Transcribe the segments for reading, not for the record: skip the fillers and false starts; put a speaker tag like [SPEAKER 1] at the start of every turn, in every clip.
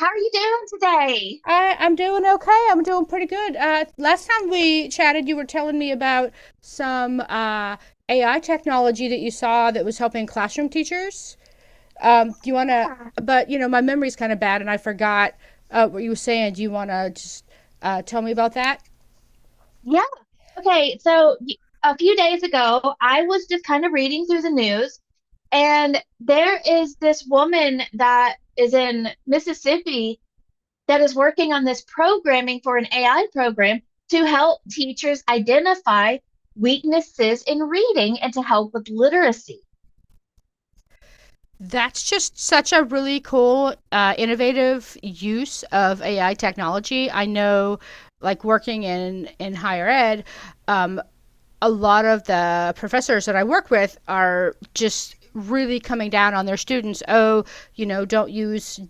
[SPEAKER 1] How are you doing today?
[SPEAKER 2] I'm doing okay. I'm doing pretty good. Last time we chatted, you were telling me about some AI technology that you saw that was helping classroom teachers. Do you want to?
[SPEAKER 1] Yeah.
[SPEAKER 2] But you know, my memory's kind of bad, and I forgot what you were saying. Do you want to just tell me about that?
[SPEAKER 1] Yeah. Okay. So a few days ago, I was just kind of reading through the news, and there is this woman that is in Mississippi that is working on this programming for an AI program to help teachers identify weaknesses in reading and to help with literacy.
[SPEAKER 2] That's just such a really cool, innovative use of AI technology. I know, like working in higher ed, um, a lot of the professors that I work with are just really coming down on their students. Oh, you know, don't use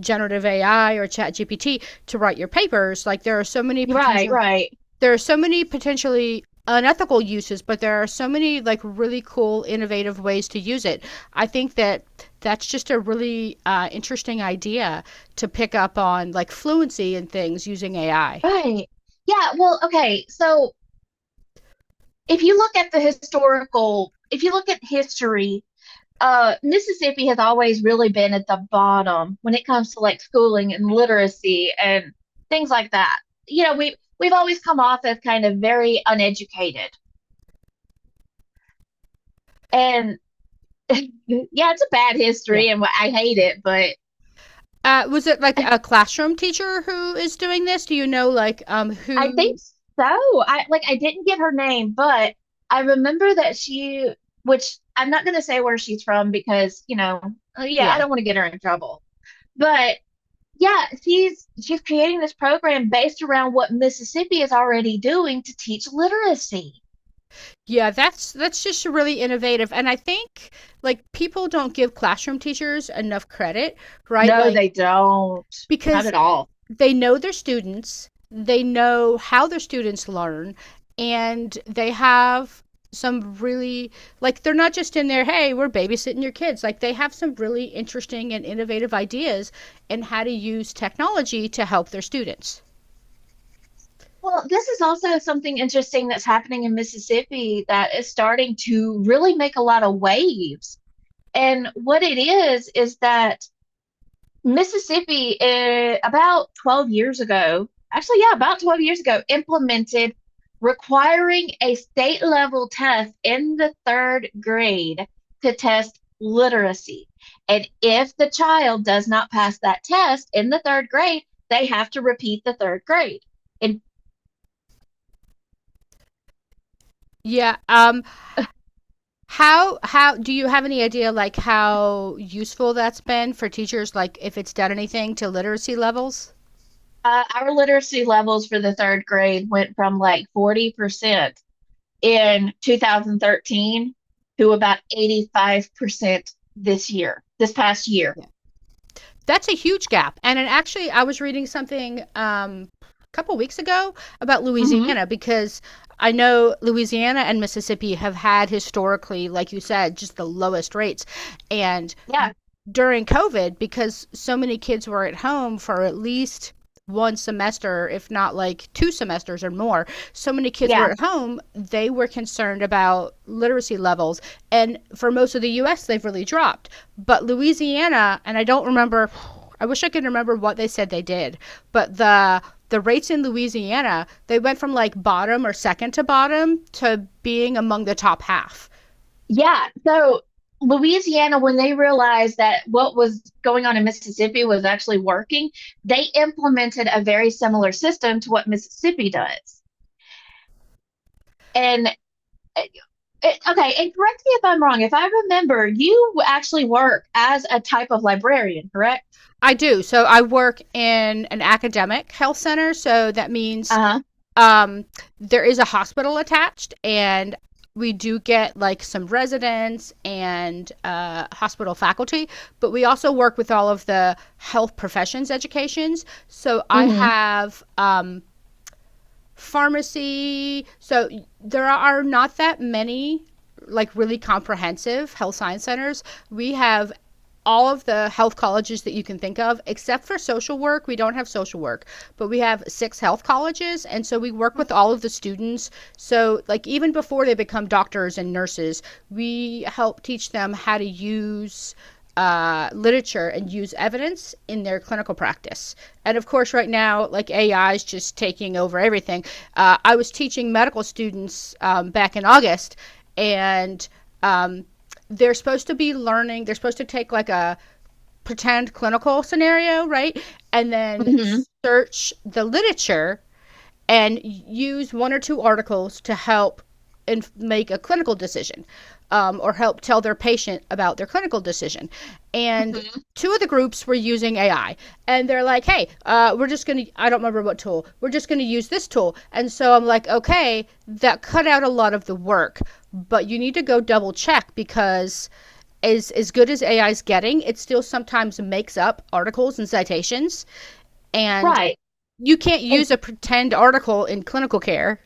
[SPEAKER 2] generative AI or chat ChatGPT to write your papers. Like
[SPEAKER 1] Right, right,
[SPEAKER 2] there are so many potentially unethical uses, but there are so many like really cool innovative ways to use it. I think that that's just a really interesting idea to pick up on like fluency and things using AI.
[SPEAKER 1] right. Yeah. Well, okay. So if you look at the historical, if you look at history, Mississippi has always really been at the bottom when it comes to like schooling and literacy and things like that. You know, we've always come off as kind of very uneducated. And yeah, it's a bad
[SPEAKER 2] Yeah.
[SPEAKER 1] history and I hate it, but
[SPEAKER 2] Was it like a classroom teacher who is doing this? Do you know like
[SPEAKER 1] I
[SPEAKER 2] who?
[SPEAKER 1] think so. I didn't get her name, but I remember that she, which I'm not going to say where she's from because, you know, yeah, I
[SPEAKER 2] Yeah,
[SPEAKER 1] don't want to get her in trouble. But yeah, she's creating this program based around what Mississippi is already doing to teach literacy.
[SPEAKER 2] yeah. That's just really innovative, and I think like people don't give classroom teachers enough credit, right?
[SPEAKER 1] No,
[SPEAKER 2] Like
[SPEAKER 1] they don't. Not
[SPEAKER 2] because
[SPEAKER 1] at all.
[SPEAKER 2] they know their students, they know how their students learn, and they have some really, like, they're not just in there, hey, we're babysitting your kids, like they have some really interesting and innovative ideas and how to use technology to help their students.
[SPEAKER 1] Well, this is also something interesting that's happening in Mississippi that is starting to really make a lot of waves. And what it is that Mississippi, about 12 years ago, actually, yeah, about 12 years ago, implemented requiring a state level test in the third grade to test literacy. And if the child does not pass that test in the third grade, they have to repeat the third grade. And
[SPEAKER 2] Yeah. How do you have any idea like how useful that's been for teachers, like if it's done anything to literacy levels?
[SPEAKER 1] our literacy levels for the third grade went from like 40% in 2013 to about 85% this year, this past year.
[SPEAKER 2] Yeah. That's a huge gap. And it actually, I was reading something a couple weeks ago about
[SPEAKER 1] Hmm.
[SPEAKER 2] Louisiana because I know Louisiana and Mississippi have had historically like you said just the lowest rates, and
[SPEAKER 1] Yeah,
[SPEAKER 2] during COVID, because so many kids were at home for at least one semester, if not like two semesters or more. So many kids
[SPEAKER 1] yeah,
[SPEAKER 2] were at home, they were concerned about literacy levels. And for most of the US, they've really dropped. But Louisiana, and I don't remember, I wish I could remember what they said they did, but the rates in Louisiana, they went from like bottom or second to bottom to being among the top half.
[SPEAKER 1] yeah. So Louisiana, when they realized that what was going on in Mississippi was actually working, they implemented a very similar system to what Mississippi does. And uh, okay, and correct me if I'm wrong. If I remember, you actually work as a type of librarian, correct?
[SPEAKER 2] I do. So I work in an academic health center. So that means
[SPEAKER 1] Uh-huh.
[SPEAKER 2] um, there is a hospital attached, and we do get like some residents and hospital faculty, but we also work with all of the health professions educations. So I
[SPEAKER 1] Hmm.
[SPEAKER 2] have pharmacy. So there are not that many like really comprehensive health science centers. We have all of the health colleges that you can think of, except for social work. We don't have social work, but we have six health colleges. And so we work with all of the students. So, like, even before they become doctors and nurses, we help teach them how to use literature and use evidence in their clinical practice. And of course, right now, like AI is just taking over everything. I was teaching medical students back in August, and um, they're supposed to be learning, they're supposed to take like a pretend clinical scenario, right? And then
[SPEAKER 1] Hmm.
[SPEAKER 2] search the literature and use one or two articles to help and make a clinical decision, or help tell their patient about their clinical decision. And
[SPEAKER 1] Hmm.
[SPEAKER 2] two of the groups were using AI, and they're like, hey, we're just going to, I don't remember what tool, we're just going to use this tool. And so I'm like, okay, that cut out a lot of the work, but you need to go double check because as good as AI is getting, it still sometimes makes up articles and citations, and
[SPEAKER 1] Right.
[SPEAKER 2] you can't
[SPEAKER 1] And
[SPEAKER 2] use a pretend article in clinical care.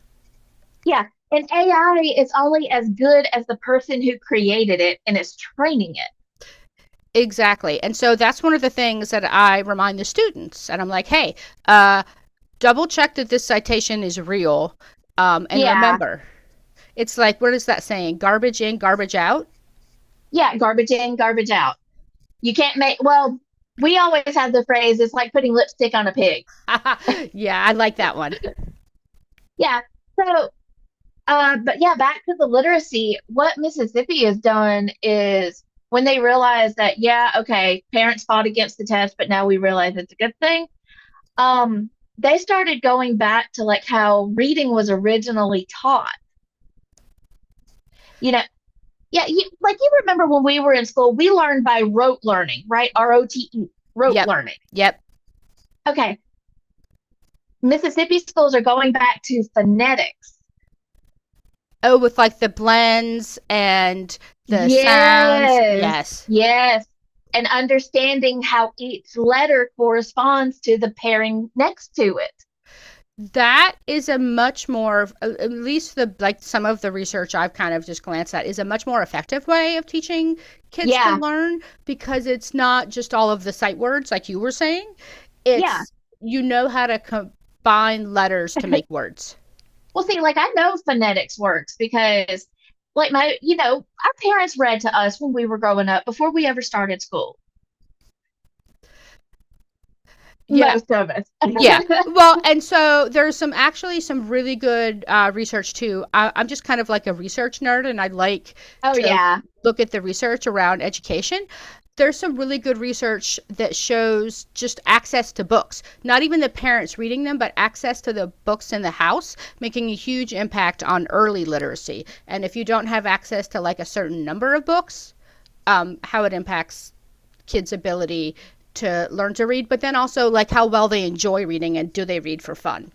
[SPEAKER 1] yeah, and AI is only as good as the person who created it and is training it.
[SPEAKER 2] Exactly, and so that's one of the things that I remind the students, and I'm like, hey, uh, double check that this citation is real, and
[SPEAKER 1] Yeah,
[SPEAKER 2] remember, it's like what is that saying? Garbage in, garbage out.
[SPEAKER 1] yeah, garbage in, garbage out. You can't make, well, we always have the phrase, it's like putting lipstick on a pig.
[SPEAKER 2] Yeah, I like that one.
[SPEAKER 1] Yeah, so, but yeah, back to the literacy, what Mississippi has done is when they realize that, yeah, okay, parents fought against the test, but now we realize it's a good thing. Um, they started going back to like how reading was originally taught, you know. Yeah, you, like, you remember when we were in school, we learned by rote learning, right? rote, rote
[SPEAKER 2] Yep,
[SPEAKER 1] learning.
[SPEAKER 2] yep.
[SPEAKER 1] Okay, Mississippi schools are going back to phonetics.
[SPEAKER 2] Oh, with like the blends and the sounds.
[SPEAKER 1] Yes,
[SPEAKER 2] Yes.
[SPEAKER 1] yes. And understanding how each letter corresponds to the pairing next to it.
[SPEAKER 2] That is a much more, at least the, like, some of the research I've kind of just glanced at, is a much more effective way of teaching kids to
[SPEAKER 1] Yeah,
[SPEAKER 2] learn, because it's not just all of the sight words like you were saying,
[SPEAKER 1] yeah.
[SPEAKER 2] it's, you know, how to combine letters to make words.
[SPEAKER 1] Well, see, like I know phonetics works because, like, my, you know, our parents read to us when we were growing up before we ever started school.
[SPEAKER 2] Yeah.
[SPEAKER 1] Most of us.
[SPEAKER 2] Yeah. Well, and so there's some actually some really good research too. I'm just kind of like a research nerd and I like
[SPEAKER 1] Oh,
[SPEAKER 2] to
[SPEAKER 1] yeah.
[SPEAKER 2] look at the research around education. There's some really good research that shows just access to books, not even the parents reading them, but access to the books in the house, making a huge impact on early literacy. And if you don't have access to like a certain number of books, how it impacts kids' ability to learn to read, but then also like how well they enjoy reading and do they read for fun.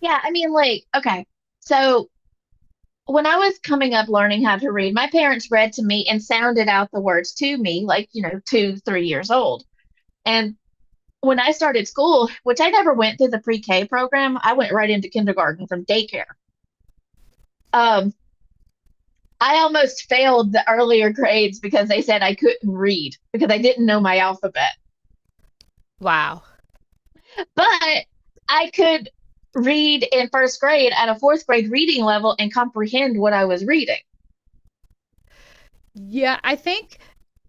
[SPEAKER 1] Yeah, I mean, like, okay. So when I was coming up learning how to read, my parents read to me and sounded out the words to me, like, you know, two, 3 years old. And when I started school, which I never went through the pre-K program, I went right into kindergarten from daycare. Um, I almost failed the earlier grades because they said I couldn't read because I didn't know my alphabet.
[SPEAKER 2] Wow.
[SPEAKER 1] But I could read in first grade at a fourth grade reading level and comprehend what I was reading.
[SPEAKER 2] Yeah, I think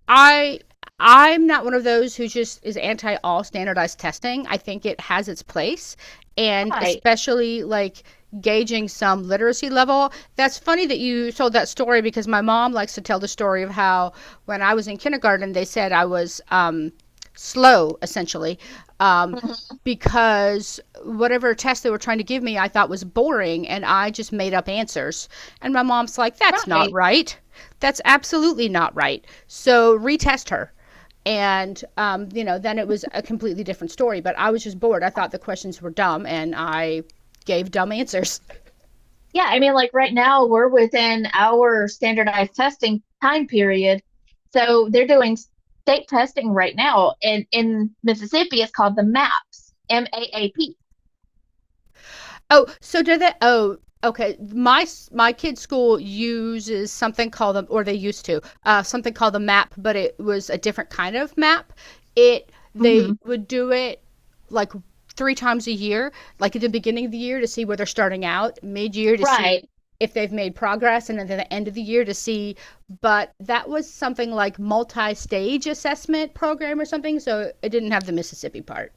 [SPEAKER 2] I I'm not one of those who just is anti all standardized testing. I think it has its place, and
[SPEAKER 1] Right.
[SPEAKER 2] especially like gauging some literacy level. That's funny that you told that story because my mom likes to tell the story of how when I was in kindergarten they said I was slow, essentially, um,
[SPEAKER 1] Mhm.
[SPEAKER 2] because whatever test they were trying to give me I thought was boring and I just made up answers. And my mom's like, that's not
[SPEAKER 1] Right.
[SPEAKER 2] right. That's absolutely not right. So retest her. And, you know, then it was a completely different story, but I was just bored. I thought the questions were dumb and I gave dumb answers.
[SPEAKER 1] Yeah, I mean, like right now we're within our standardized testing time period. So they're doing state testing right now. And in Mississippi, it's called the MAPS, MAAP.
[SPEAKER 2] Oh, so do they? Oh, okay. My my kid's school uses something called the, or they used to, something called the MAP, but it was a different kind of MAP. It They
[SPEAKER 1] Mm-hmm.
[SPEAKER 2] would do it like three times a year, like at the beginning of the year to see where they're starting out, mid year to see
[SPEAKER 1] Right.
[SPEAKER 2] if they've made progress, and then at the end of the year to see. But that was something like multi stage assessment program or something, so it didn't have the Mississippi part.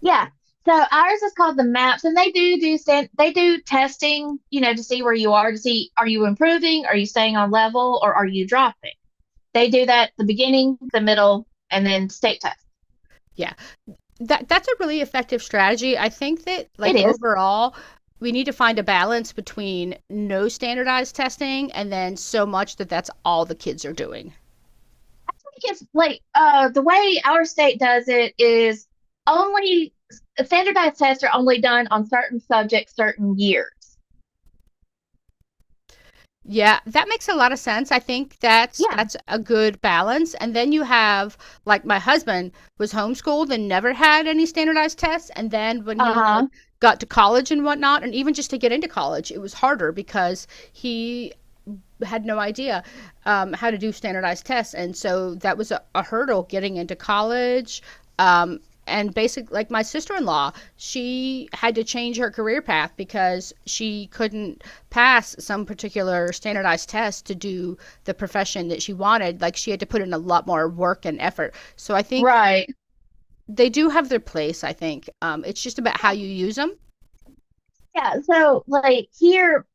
[SPEAKER 1] Yeah. So ours is called the MAPS, and they do testing, you know, to see where you are, to see are you improving, are you staying on level, or are you dropping. They do that at the beginning, the middle, and then state test.
[SPEAKER 2] Yeah. That's a really effective strategy. I think that
[SPEAKER 1] It
[SPEAKER 2] like
[SPEAKER 1] is.
[SPEAKER 2] overall we need to find a balance between no standardized testing and then so much that that's all the kids are doing.
[SPEAKER 1] Think it's like the way our state does it is only standardized tests are only done on certain subjects, certain years.
[SPEAKER 2] Yeah, that makes a lot of sense. I think that's
[SPEAKER 1] Yeah.
[SPEAKER 2] that's a good balance. And then you have like my husband was homeschooled and never had any standardized tests. And then when he like
[SPEAKER 1] Uh-huh.
[SPEAKER 2] got to college and whatnot, and even just to get into college, it was harder because he had no idea how to do standardized tests, and so that was a hurdle getting into college. Um, and basically, like my sister-in-law, she had to change her career path because she couldn't pass some particular standardized test to do the profession that she wanted. Like she had to put in a lot more work and effort. So I think
[SPEAKER 1] Right.
[SPEAKER 2] they do have their place. I think it's just about how
[SPEAKER 1] Yeah.
[SPEAKER 2] you use them.
[SPEAKER 1] Yeah. So like here,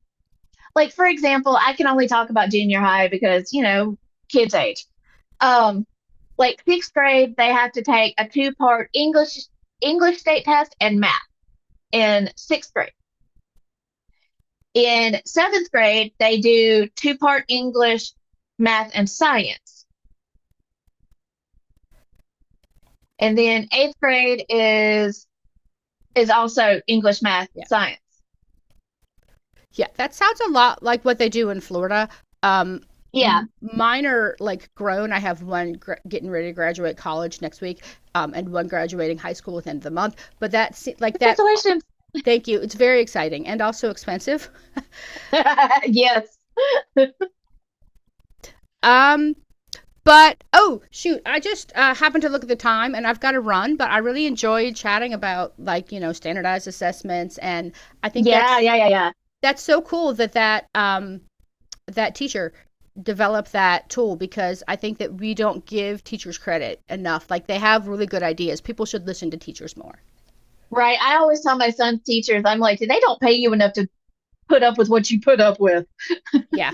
[SPEAKER 1] like for example, I can only talk about junior high because, you know, kids age. Um, like sixth grade, they have to take a two-part English state test and math in sixth grade. In seventh grade, they do two-part English, math, and science. And then eighth grade is also English, math,
[SPEAKER 2] Yeah.
[SPEAKER 1] science.
[SPEAKER 2] Yeah, that sounds a lot like what they do in Florida. Um,
[SPEAKER 1] Yeah.
[SPEAKER 2] Mine are like grown. I have one getting ready to graduate college next week, and one graduating high school at the end of the month. But that's like that.
[SPEAKER 1] Congratulations.
[SPEAKER 2] Thank you. It's very exciting and also expensive.
[SPEAKER 1] Yes.
[SPEAKER 2] Um, but oh shoot, I just happened to look at the time, and I've got to run. But I really enjoyed chatting about like you know standardized assessments, and I think
[SPEAKER 1] Yeah, yeah, yeah, yeah.
[SPEAKER 2] that's so cool that that teacher develop that tool because I think that we don't give teachers credit enough. Like they have really good ideas. People should listen to teachers more.
[SPEAKER 1] Right. I always tell my son's teachers, I'm like, they don't pay you enough to put up with what you put up with.
[SPEAKER 2] Yeah,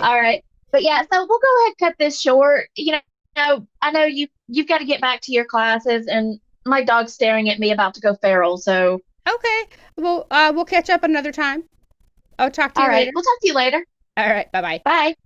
[SPEAKER 1] All right. But yeah, so we'll go ahead and cut this short. You I know you've got to get back to your classes and my dog's staring at me about to go feral. So,
[SPEAKER 2] Okay. Well, we'll catch up another time. I'll talk to
[SPEAKER 1] all
[SPEAKER 2] you
[SPEAKER 1] right.
[SPEAKER 2] later.
[SPEAKER 1] We'll talk to you later.
[SPEAKER 2] All right. Bye bye.
[SPEAKER 1] Bye.